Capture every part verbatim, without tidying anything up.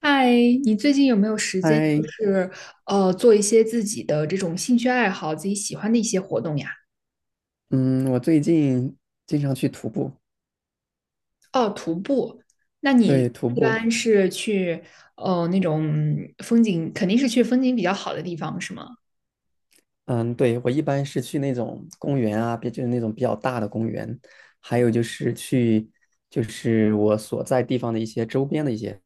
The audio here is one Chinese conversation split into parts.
嗨，你最近有没有时间，就嗨，是呃，做一些自己的这种兴趣爱好，自己喜欢的一些活动呀？嗯，我最近经常去徒步。哦，徒步。那你对，徒一步。般是去呃那种风景，肯定是去风景比较好的地方，是吗？嗯，对，我一般是去那种公园啊，别就是那种比较大的公园，还有就是去就是我所在地方的一些周边的一些，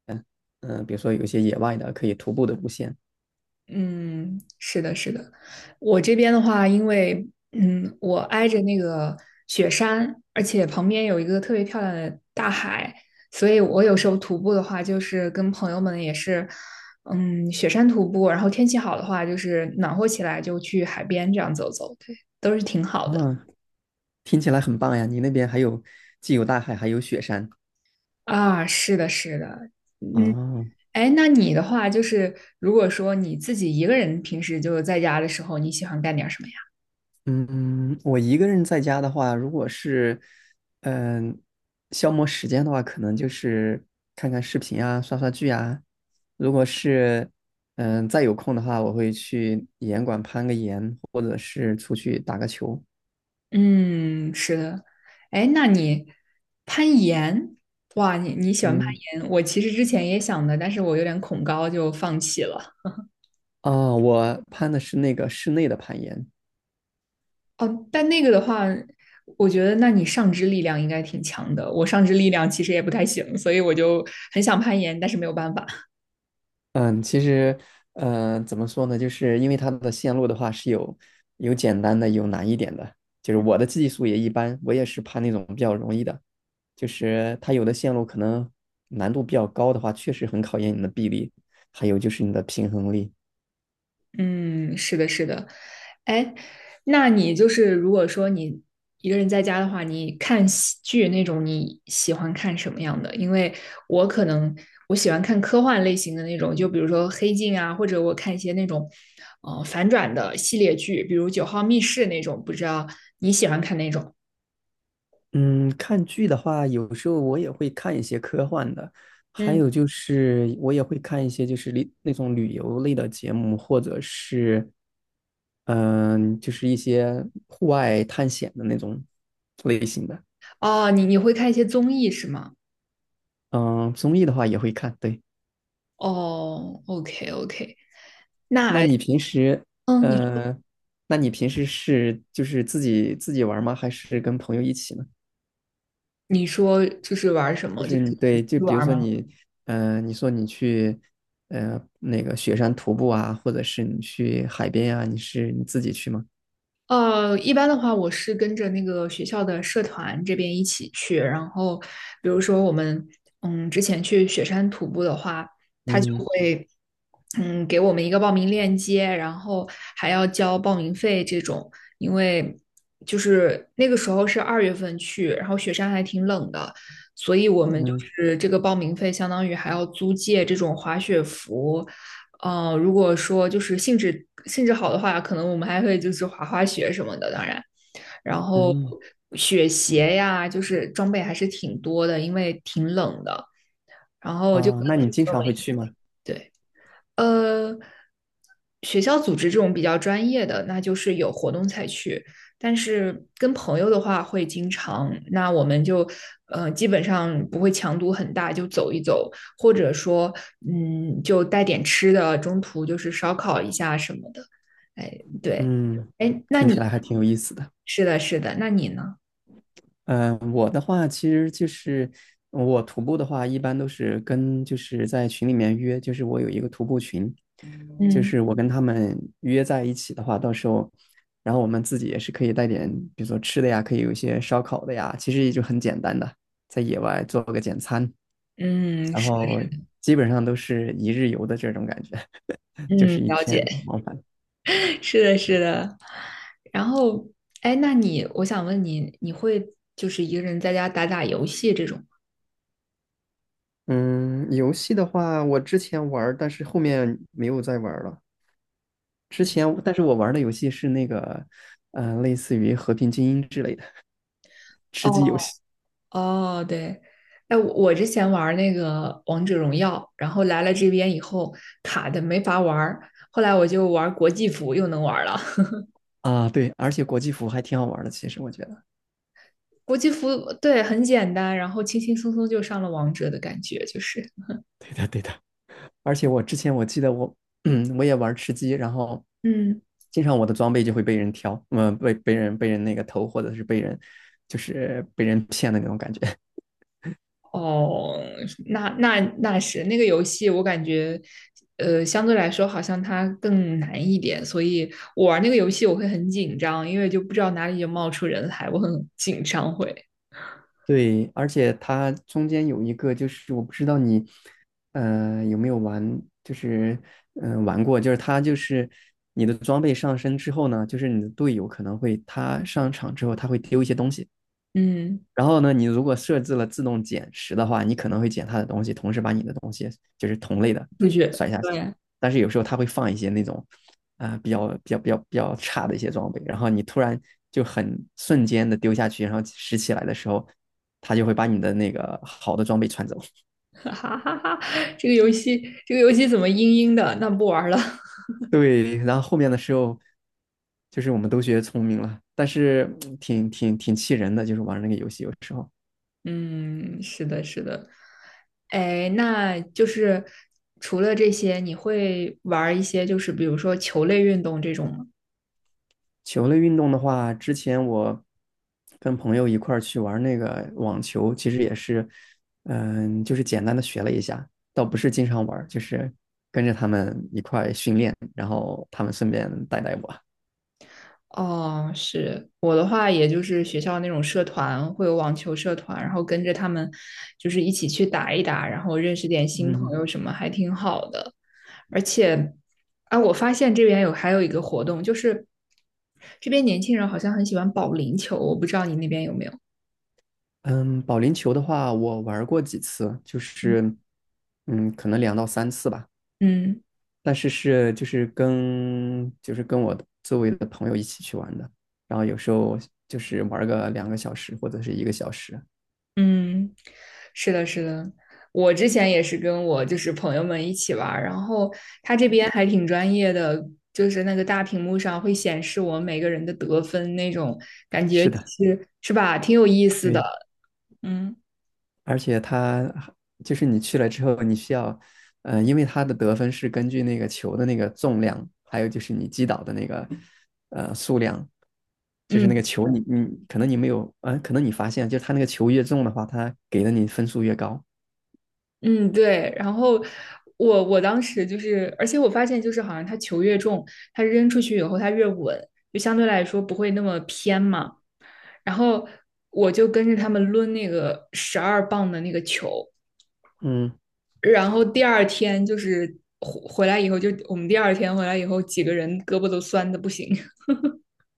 嗯，比如说有一些野外的可以徒步的路线嗯，是的，是的。我这边的话，因为嗯，我挨着那个雪山，而且旁边有一个特别漂亮的大海，所以我有时候徒步的话，就是跟朋友们也是，嗯，雪山徒步，然后天气好的话，就是暖和起来就去海边这样走走，对，都是挺好的。啊。听起来很棒呀，你那边还有既有大海还有雪山啊，是的，是的。啊。哎，那你的话，就是如果说你自己一个人平时就在家的时候，你喜欢干点什么呀？嗯，我一个人在家的话，如果是嗯消磨时间的话，可能就是看看视频啊，刷刷剧啊。如果是嗯再有空的话，我会去岩馆攀个岩，或者是出去打个球。嗯，是的。哎，那你攀岩，哇，你你喜欢攀嗯。岩？我其实之前也想的，但是我有点恐高，就放弃了。啊，我攀的是那个室内的攀岩。哦，但那个的话，我觉得那你上肢力量应该挺强的。我上肢力量其实也不太行，所以我就很想攀岩，但是没有办法。嗯，其实，嗯、怎么说呢？就是因为它的线路的话是有有简单的，有难一点的。就是我的技术也一般，我也是爬那种比较容易的。就是它有的线路可能难度比较高的话，确实很考验你的臂力，还有就是你的平衡力。嗯，是的，是的。哎，那你就是如果说你一个人在家的话，你看喜剧那种，你喜欢看什么样的？因为我可能我喜欢看科幻类型的那种，就比如说《黑镜》啊，或者我看一些那种呃反转的系列剧，比如《九号密室》那种，不知道你喜欢看哪种？嗯，看剧的话，有时候我也会看一些科幻的，还嗯，有就是我也会看一些就是旅那种旅游类的节目，或者是嗯、就是一些户外探险的那种类型的。哦，你你会看一些综艺是吗？嗯、综艺的话也会看。对，哦，OK OK，那那你平时嗯，你呃，那你平时是就是自己自己玩儿吗？还是跟朋友一起呢？你说就是玩什就么？就是你对，就是比如玩说吗？你，呃，你说你去，呃，那个雪山徒步啊，或者是你去海边啊，你是你自己去吗？呃，一般的话，我是跟着那个学校的社团这边一起去。然后，比如说我们，嗯，之前去雪山徒步的话，他就嗯会，嗯，给我们一个报名链接，然后还要交报名费这种。因为就是那个时候是二月份去，然后雪山还挺冷的，所以我们就嗯是这个报名费相当于还要租借这种滑雪服。呃，如果说就是兴致兴致好的话，可能我们还会就是滑滑雪什么的，当然，然后嗯。雪鞋呀，就是装备还是挺多的，因为挺冷的。然后就跟啊，那朋你经友常们会去吗？对，呃，学校组织这种比较专业的，那就是有活动才去。但是跟朋友的话会经常，那我们就呃基本上不会强度很大，就走一走，或者说嗯就带点吃的，中途就是烧烤一下什么的。哎，对，嗯，哎，那听你起来还挺有意思的。是的，是的，那你呢？嗯，呃我的话其实就是我徒步的话，一般都是跟就是在群里面约，就是我有一个徒步群，就嗯是我跟他们约在一起的话，到时候，然后我们自己也是可以带点，比如说吃的呀，可以有一些烧烤的呀，其实也就很简单的，在野外做个简餐，嗯然是，后基本上都是一日游的这种感觉，就嗯是一了天解，往返。是的，是的。然后，哎，那你，我想问你，你会就是一个人在家打打游戏这种嗯，游戏的话，我之前玩儿，但是后面没有再玩儿了。之嗯，前，但是我玩的游戏是那个，呃，类似于《和平精英》之类的吃哦鸡游戏哦，对，哎，我我之前玩那个王者荣耀，然后来了这边以后卡的没法玩儿，后来我就玩国际服又能玩儿了。啊。对，而且国际服还挺好玩的，其实我觉得。国际服对很简单，然后轻轻松松就上了王者的感觉，就是对的，对的。而且我之前我记得我，嗯，我也玩吃鸡，然后嗯。经常我的装备就会被人挑，嗯、被被人被人那个偷，或者是被人就是被人骗的那种感觉。哦，那那那是那个游戏，我感觉，呃，相对来说好像它更难一点，所以我玩那个游戏我会很紧张，因为就不知道哪里就冒出人来，我很紧张会，对，而且它中间有一个，就是我不知道你，呃，有没有玩，就是嗯、呃玩过，就是它就是你的装备上升之后呢，就是你的队友可能会他上场之后他会丢一些东西，嗯，然后呢，你如果设置了自动捡拾的话，你可能会捡他的东西，同时把你的东西就是同类的不觉甩下去。对，但是有时候他会放一些那种啊、呃比较比较比较比较差的一些装备，然后你突然就很瞬间的丢下去，然后拾起来的时候，他就会把你的那个好的装备穿走。哈哈哈哈，这个游戏这个游戏怎么阴阴的？那不玩了，对，然后后面的时候就是我们都学聪明了，但是 嗯挺挺挺气人的，就是玩那个游戏有时候。嗯，是的，是的，哎，那就是除了这些，你会玩一些就是比如说球类运动这种吗？球类运动的话，之前我跟朋友一块儿去玩那个网球，其实也是，嗯，就是简单的学了一下，倒不是经常玩就是跟着他们一块儿训练，然后他们顺便带带我。哦，是我的话，也就是学校那种社团，会有网球社团，然后跟着他们就是一起去打一打，然后认识点新朋嗯。友什么，还挺好的。而且，啊，我发现这边有还有一个活动，就是这边年轻人好像很喜欢保龄球，我不知道你那边有没有？嗯，保龄球的话，我玩过几次，就是嗯，可能两到三次吧，嗯。但是是就是跟就是跟我周围的朋友一起去玩的，然后有时候就是玩个两个小时或者是一个小时。嗯，是的，是的，我之前也是跟我就是朋友们一起玩儿，然后他这边还挺专业的，就是那个大屏幕上会显示我们每个人的得分那种感觉是的。是是吧，挺有意思的，对，嗯而且它还就是你去了之后，你需要，呃，因为它的得分是根据那个球的那个重量，还有就是你击倒的那个，呃，数量，就是嗯那个球你你可能你没有，呃，可能你发现就是它那个球越重的话，它给的你分数越高。嗯，对。然后我我当时就是，而且我发现就是好像他球越重，他扔出去以后他越稳，就相对来说不会那么偏嘛。然后我就跟着他们抡那个十二磅的那个球。嗯，然后第二天就是回回来以后，就我们第二天回来以后，几个人胳膊都酸的不行。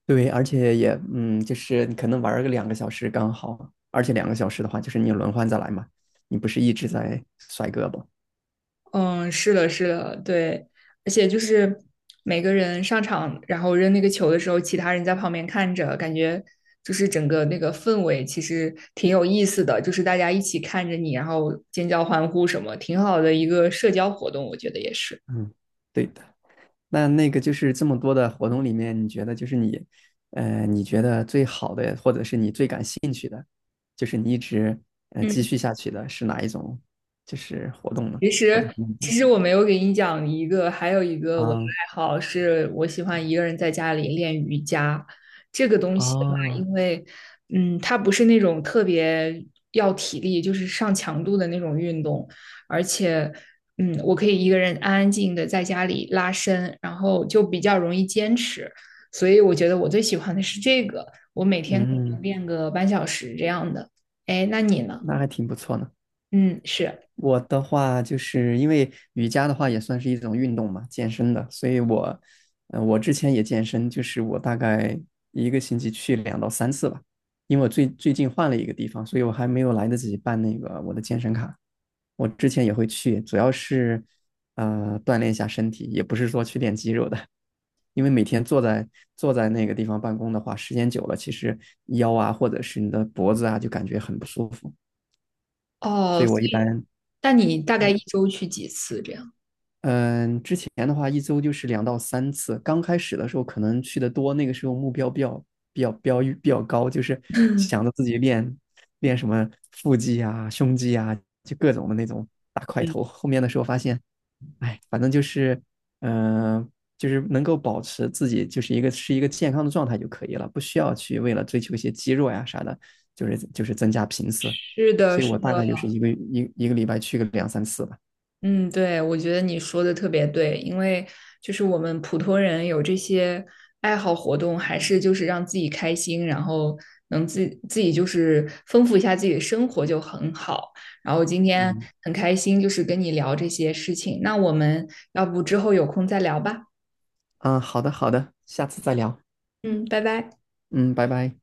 对，而且也嗯，就是你可能玩儿个两个小时刚好，而且两个小时的话，就是你轮换着来嘛，你不是一直在甩胳膊。嗯，是的，是的，对，而且就是每个人上场，然后扔那个球的时候，其他人在旁边看着，感觉就是整个那个氛围其实挺有意思的，就是大家一起看着你，然后尖叫欢呼什么，挺好的一个社交活动，我觉得也是。嗯，对的。那那个就是这么多的活动里面，你觉得就是你，呃，你觉得最好的，或者是你最感兴趣的，就是你一直呃继嗯续下去的是哪一种，就是活动呢？其或者是实，运其动？实我没有给你讲一个，还有一个我的啊。爱好是，我喜欢一个人在家里练瑜伽。这个东西的话，哦。因为，嗯，它不是那种特别要体力，就是上强度的那种运动，而且，嗯，我可以一个人安安静静的在家里拉伸，然后就比较容易坚持。所以我觉得我最喜欢的是这个，我每天可能嗯，练个半小时这样的。哎，那你呢？那还挺不错呢。嗯，是。我的话，就是因为瑜伽的话也算是一种运动嘛，健身的，所以我，呃，我之前也健身，就是我大概一个星期去两到三次吧，因为我最最近换了一个地方，所以我还没有来得及办那个我的健身卡。我之前也会去，主要是，呃，锻炼一下身体，也不是说去练肌肉的，因为每天坐在坐在那个地方办公的话，时间久了，其实腰啊或者是你的脖子啊就感觉很不舒服，所哦，以所我一以般。但你大概一周去几次这样？嗯，之前的话一周就是两到三次。刚开始的时候可能去的多，那个时候目标比较比较标比较高，就是想着自己练练什么腹肌啊、胸肌啊，就各种的那种大块头。后面的时候发现，哎，反正就是，嗯、呃就是能够保持自己就是一个是一个健康的状态就可以了，不需要去为了追求一些肌肉呀啥的，就是就是增加频次。是的，所以是我大的，概就是一个一一个礼拜去个两三次吧。嗯，对，我觉得你说的特别对，因为就是我们普通人有这些爱好活动，还是就是让自己开心，然后能自自己就是丰富一下自己的生活就很好。然后今天嗯。很开心，就是跟你聊这些事情。那我们要不之后有空再聊吧？嗯，好的，好的，下次再聊。嗯，拜拜。嗯，拜拜。